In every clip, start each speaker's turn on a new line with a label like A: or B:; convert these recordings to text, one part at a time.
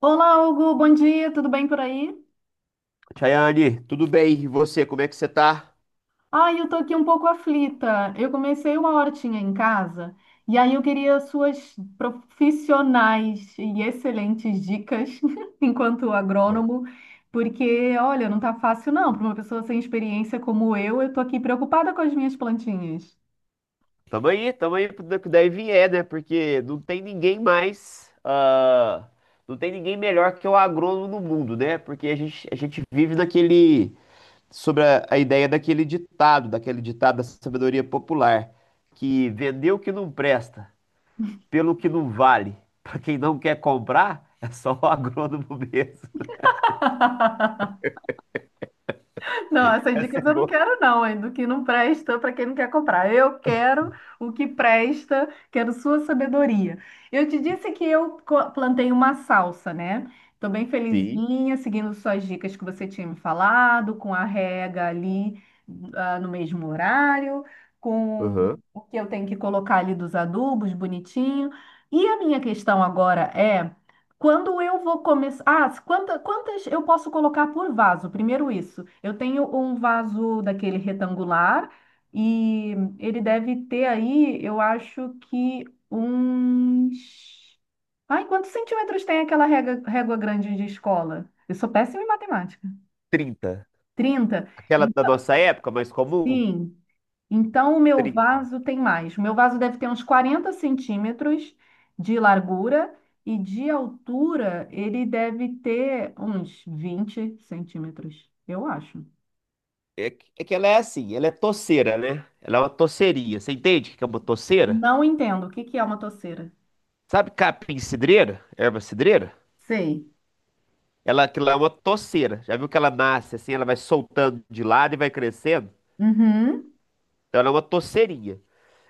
A: Olá, Hugo, bom dia, tudo bem por aí?
B: Chayane, tudo bem? E você, como é que você tá?
A: Ai, eu tô aqui um pouco aflita. Eu comecei uma hortinha em casa e aí eu queria suas profissionais e excelentes dicas enquanto
B: Ué.
A: agrônomo, porque olha, não tá fácil não, para uma pessoa sem experiência como eu tô aqui preocupada com as minhas plantinhas.
B: Tamo aí pro que daí vier, né? Porque não tem ninguém mais, não tem ninguém melhor que o agrônomo no mundo, né? Porque a gente vive sobre a ideia daquele ditado da sabedoria popular, que vender o que não presta, pelo que não vale, pra quem não quer comprar, é só o agrônomo mesmo.
A: Não, essas
B: Essa é
A: dicas eu não
B: boa.
A: quero, não, hein? Do que não presta para quem não quer comprar. Eu quero o que presta, quero sua sabedoria. Eu te disse que eu plantei uma salsa, né? Estou bem
B: Sim,
A: felizinha, seguindo suas dicas que você tinha me falado, com a rega ali, ah, no mesmo horário, com
B: aham.
A: o que eu tenho que colocar ali dos adubos bonitinho. E a minha questão agora é... Quando eu vou começar... Ah, quantas eu posso colocar por vaso? Primeiro, isso. Eu tenho um vaso daquele retangular e ele deve ter aí, eu acho que uns... Ai, quantos centímetros tem aquela régua, régua grande de escola? Eu sou péssima em matemática.
B: 30.
A: 30.
B: Aquela da
A: Então,
B: nossa época, mais comum?
A: sim, então, o meu
B: Tri-
A: vaso tem mais. O meu vaso deve ter uns 40 centímetros de largura e de altura ele deve ter uns 20 centímetros, eu acho.
B: É que ela é assim, ela é toceira, né? Ela é uma toceria. Você entende o que é uma toceira?
A: Não entendo. O que que é uma toceira?
B: Sabe capim cidreira? Erva cidreira?
A: Sei.
B: Ela, aquilo lá é uma toceira. Já viu que ela nasce assim, ela vai soltando de lado e vai crescendo?
A: Uhum.
B: Então ela é uma toceirinha.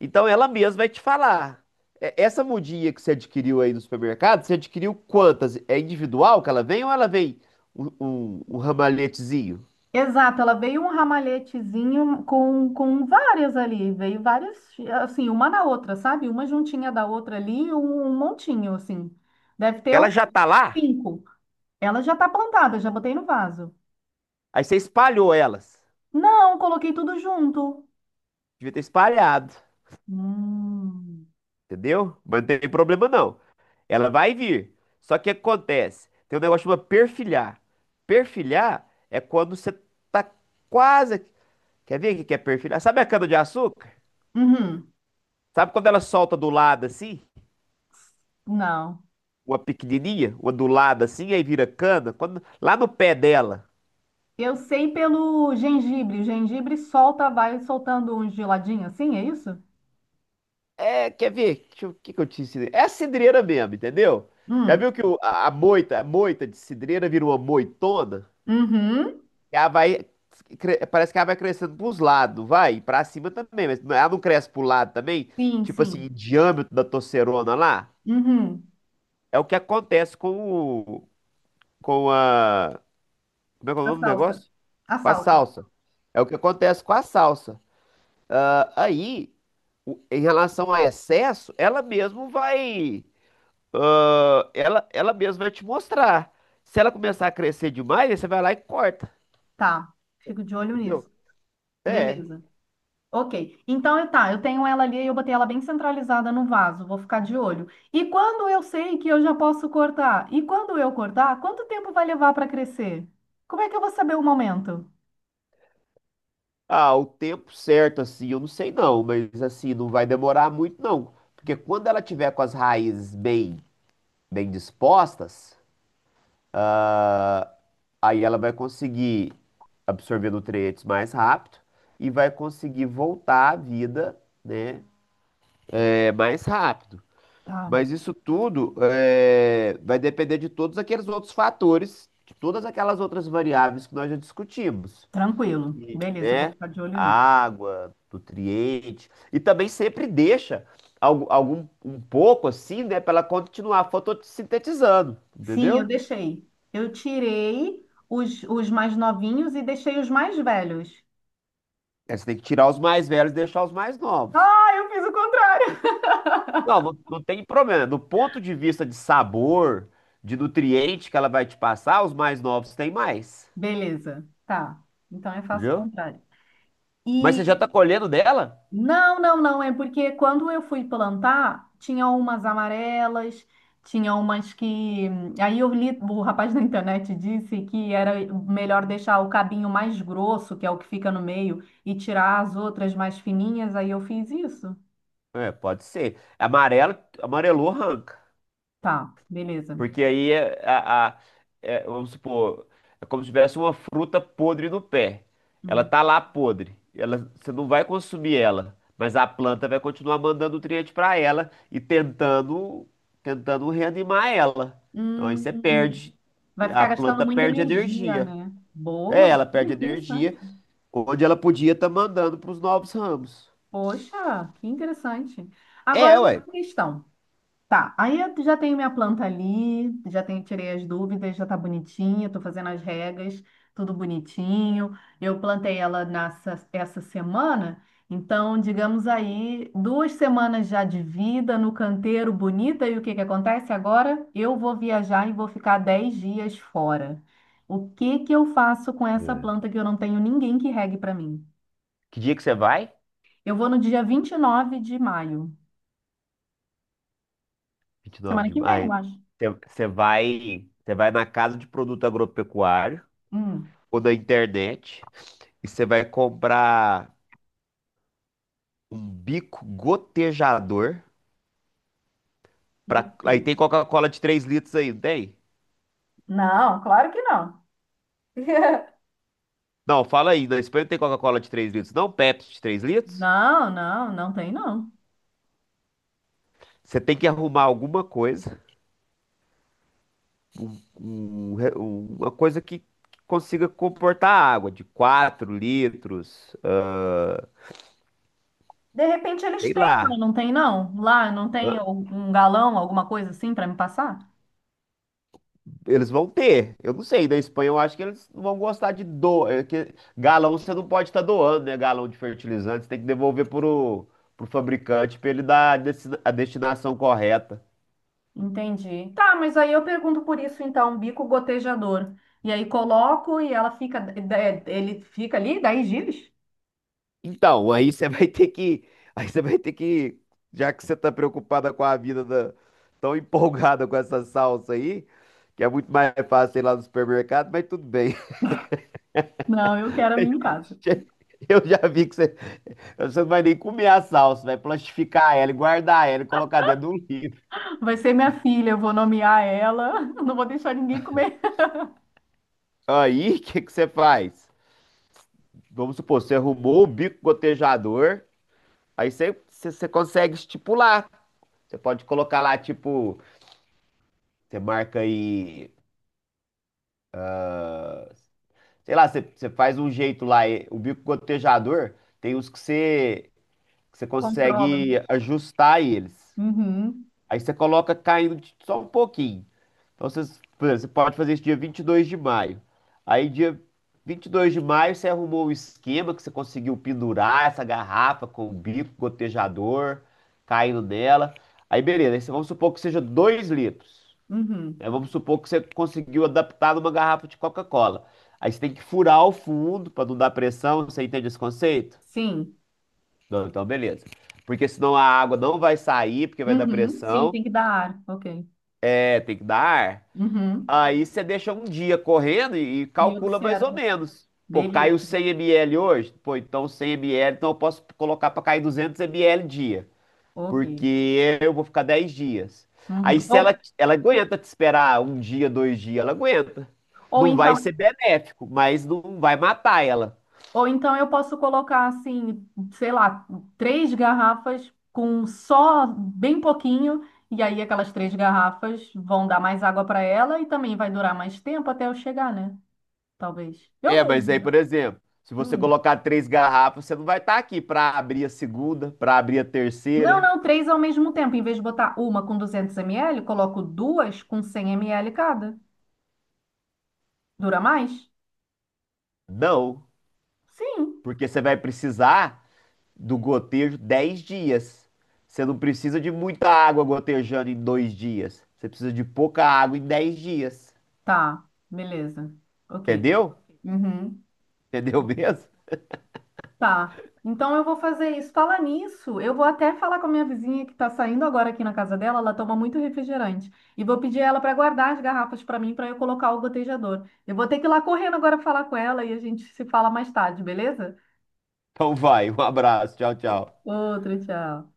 B: Então ela mesma vai te falar. É, essa mudinha que você adquiriu aí no supermercado, você adquiriu quantas? É individual que ela vem ou ela vem um ramalhetezinho?
A: Exato, ela veio um ramalhetezinho com várias ali, veio várias, assim, uma na outra, sabe? Uma juntinha da outra ali, um montinho, assim. Deve ter
B: Ela
A: uns
B: já tá lá,
A: cinco. Ela já tá plantada, já botei no vaso.
B: aí você espalhou elas.
A: Não, coloquei tudo junto.
B: Devia ter espalhado.
A: Hum.
B: Entendeu? Mas não tem problema não. Ela vai vir. Só que o que acontece? Tem um negócio chamado perfilhar. Perfilhar é quando você tá quase. Quer ver o que que é perfilhar? Sabe a cana-de-açúcar?
A: Uhum,
B: Sabe quando ela solta do lado assim?
A: não.
B: Uma pequenininha, uma do lado assim, aí vira cana? Quando... Lá no pé dela.
A: Eu sei pelo gengibre. O gengibre solta, vai soltando um geladinho assim, é isso?
B: É, quer ver? O que que eu te ensinei? É a cidreira mesmo, entendeu? Já
A: Hum.
B: viu que a moita de cidreira vira uma moitona?
A: Uhum.
B: Ela vai. Parece que ela vai crescendo pros lados, vai. Pra cima também, mas ela não cresce pro lado também?
A: Sim,
B: Tipo assim, em
A: sim.
B: diâmetro da torcerona lá?
A: Uhum.
B: É o que acontece com o. Com a. Como é que é o
A: A
B: nome do
A: salsa.
B: negócio?
A: A
B: Com a
A: salsa.
B: salsa. É o que acontece com a salsa. Aí, em relação a excesso, ela mesmo vai. Ela mesma vai te mostrar. Se ela começar a crescer demais, aí você vai lá e corta.
A: Tá. Fico de olho
B: Entendeu?
A: nisso.
B: É.
A: Beleza. Ok. Então, é, tá, eu tenho ela ali e eu botei ela bem centralizada no vaso, vou ficar de olho. E quando eu sei que eu já posso cortar? E quando eu cortar, quanto tempo vai levar para crescer? Como é que eu vou saber o momento?
B: Ah, o tempo certo, assim, eu não sei não, mas assim, não vai demorar muito não. Porque quando ela tiver com as raízes bem, bem dispostas, ah, aí ela vai conseguir absorver nutrientes mais rápido e vai conseguir voltar à vida, né, mais rápido.
A: Tá,
B: Mas isso tudo vai depender de todos aqueles outros fatores, de todas aquelas outras variáveis que nós já discutimos
A: tranquilo.
B: e,
A: Beleza, eu vou
B: né?
A: ficar de olho nisso.
B: Água, nutrientes. E também sempre deixa algum, um pouco assim, né? Para ela continuar fotossintetizando,
A: Sim, eu
B: entendeu?
A: deixei. Eu tirei os mais novinhos e deixei os mais velhos.
B: Aí você tem que tirar os mais velhos e deixar os mais novos.
A: Ah, eu fiz o contrário.
B: Não, não, não tem problema. Do ponto de vista de sabor, de nutriente que ela vai te passar, os mais novos têm mais,
A: Beleza, tá. Então eu faço o
B: entendeu?
A: contrário.
B: Mas você já
A: E
B: tá colhendo dela?
A: Não, não, não. É porque quando eu fui plantar, tinha umas amarelas, tinha umas que... Aí eu li, o rapaz na internet disse que era melhor deixar o cabinho mais grosso, que é o que fica no meio, e tirar as outras mais fininhas. Aí eu fiz isso.
B: É, pode ser. Amarelo, amarelou, arranca.
A: Tá, beleza.
B: Porque aí é, a- é, vamos supor, é como se tivesse uma fruta podre no pé. Ela
A: Hum.
B: tá lá podre. Ela, você não vai consumir ela, mas a planta vai continuar mandando nutriente para ela e tentando reanimar ela. Então aí você
A: Hum,
B: perde,
A: vai
B: a
A: ficar gastando
B: planta
A: muita
B: perde
A: energia,
B: energia.
A: né?
B: É,
A: Boa.
B: ela
A: Olha,
B: perde energia
A: interessante.
B: onde ela podia estar mandando para os novos ramos.
A: Poxa, que interessante. Agora,
B: É,
A: uma
B: ué.
A: questão. Tá, aí eu já tenho minha planta ali, já tenho, tirei as dúvidas, já tá bonitinha, tô fazendo as regas, tudo bonitinho. Eu plantei ela essa semana, então, digamos aí, 2 semanas já de vida no canteiro bonita, e o que que acontece agora? Eu vou viajar e vou ficar 10 dias fora. O que que eu faço com essa
B: É.
A: planta que eu não tenho ninguém que regue pra mim?
B: Que dia que você vai?
A: Eu vou no dia 29 de maio,
B: vinte e nove
A: semana
B: de
A: que vem, eu
B: maio.
A: acho.
B: Você vai na casa de produto agropecuário
A: Hum,
B: ou na internet e você vai comprar um bico gotejador aí
A: ok.
B: tem Coca-Cola de 3 litros aí, não tem?
A: Não, claro que não.
B: Não, fala aí, na Espanha não tem Coca-Cola de 3 litros, não, Pepsi de 3 litros.
A: Não, não, não tem não.
B: Você tem que arrumar alguma coisa, uma coisa que consiga comportar água de 4 litros,
A: De repente eles
B: sei
A: têm, lá,
B: lá.
A: não tem não? Lá não tem um galão, alguma coisa assim para me passar?
B: Eles vão ter. Eu não sei, da Espanha eu acho que eles não vão gostar de doar. É que galão você não pode estar doando, né? Galão de fertilizante, você tem que devolver pro fabricante para ele dar a a destinação correta.
A: Entendi. Tá, mas aí eu pergunto por isso então, bico gotejador. E aí coloco e ela fica, ele fica ali 10 dias?
B: Então, aí você vai ter que. Aí você vai ter que. Já que você tá preocupada com a vida tão empolgada com essa salsa aí, que é muito mais fácil ir lá no supermercado, mas tudo bem.
A: Não, eu quero a minha em casa.
B: Eu já vi que você não vai nem comer a salsa, vai plastificar ela e guardar ela e colocar dentro do
A: Vai ser minha filha, eu vou nomear ela, não vou deixar ninguém comer.
B: Aí, o que que você faz? Vamos supor, você arrumou o bico gotejador, aí você consegue estipular. Você pode colocar lá, tipo, você marca aí, sei lá, você faz um jeito lá. O bico gotejador tem uns que que você
A: Controla.
B: consegue ajustar eles.
A: Uhum,
B: Aí você coloca caindo só um pouquinho. Então por exemplo, você pode fazer isso dia 22 de maio. Aí dia 22 de maio você arrumou um esquema que você conseguiu pendurar essa garrafa com o bico gotejador caindo nela. Aí beleza, vamos supor que seja 2 litros.
A: uhum.
B: Aí vamos supor que você conseguiu adaptar numa garrafa de Coca-Cola. Aí você tem que furar o fundo para não dar pressão. Você entende esse conceito?
A: Sim,
B: Não, então beleza. Porque senão a água não vai sair, porque vai dar
A: uhum, sim,
B: pressão.
A: tem que dar ar. Ok.
B: É, tem que dar ar.
A: Uhum.
B: Aí você deixa um dia correndo e
A: E
B: calcula mais ou
A: observa.
B: menos. Pô, caiu
A: Beleza.
B: 100 ml hoje? Pô, então 100 ml, então eu posso colocar para cair 200 ml dia,
A: Ok.
B: porque eu vou ficar 10 dias. Aí
A: Uhum.
B: se ela, ela aguenta te esperar um dia, 2 dias, ela aguenta.
A: Ou
B: Não vai
A: então,
B: ser benéfico, mas não vai matar ela.
A: ou então eu posso colocar assim, sei lá, três garrafas com só bem pouquinho, e aí aquelas três garrafas vão dar mais água para ela e também vai durar mais tempo até eu chegar, né? Talvez. Eu
B: É, mas aí,
A: vejo.
B: por exemplo, se você
A: Hum.
B: colocar três garrafas, você não vai estar aqui para abrir a segunda, para abrir a
A: Não,
B: terceira.
A: não, três ao mesmo tempo. Em vez de botar uma com 200 ml, coloco duas com 100 ml cada. Dura mais?
B: Não,
A: Sim.
B: porque você vai precisar do gotejo 10 dias. Você não precisa de muita água gotejando em 2 dias. Você precisa de pouca água em 10 dias.
A: Tá, beleza. Ok.
B: Entendeu?
A: Uhum.
B: Entendeu
A: Ok.
B: mesmo?
A: Tá. Então eu vou fazer isso. Falar nisso, eu vou até falar com a minha vizinha que tá saindo agora aqui na casa dela, ela toma muito refrigerante. E vou pedir ela para guardar as garrafas para mim para eu colocar o gotejador. Eu vou ter que ir lá correndo agora falar com ela e a gente se fala mais tarde, beleza?
B: Então vai, um abraço, tchau, tchau.
A: Outro, tchau.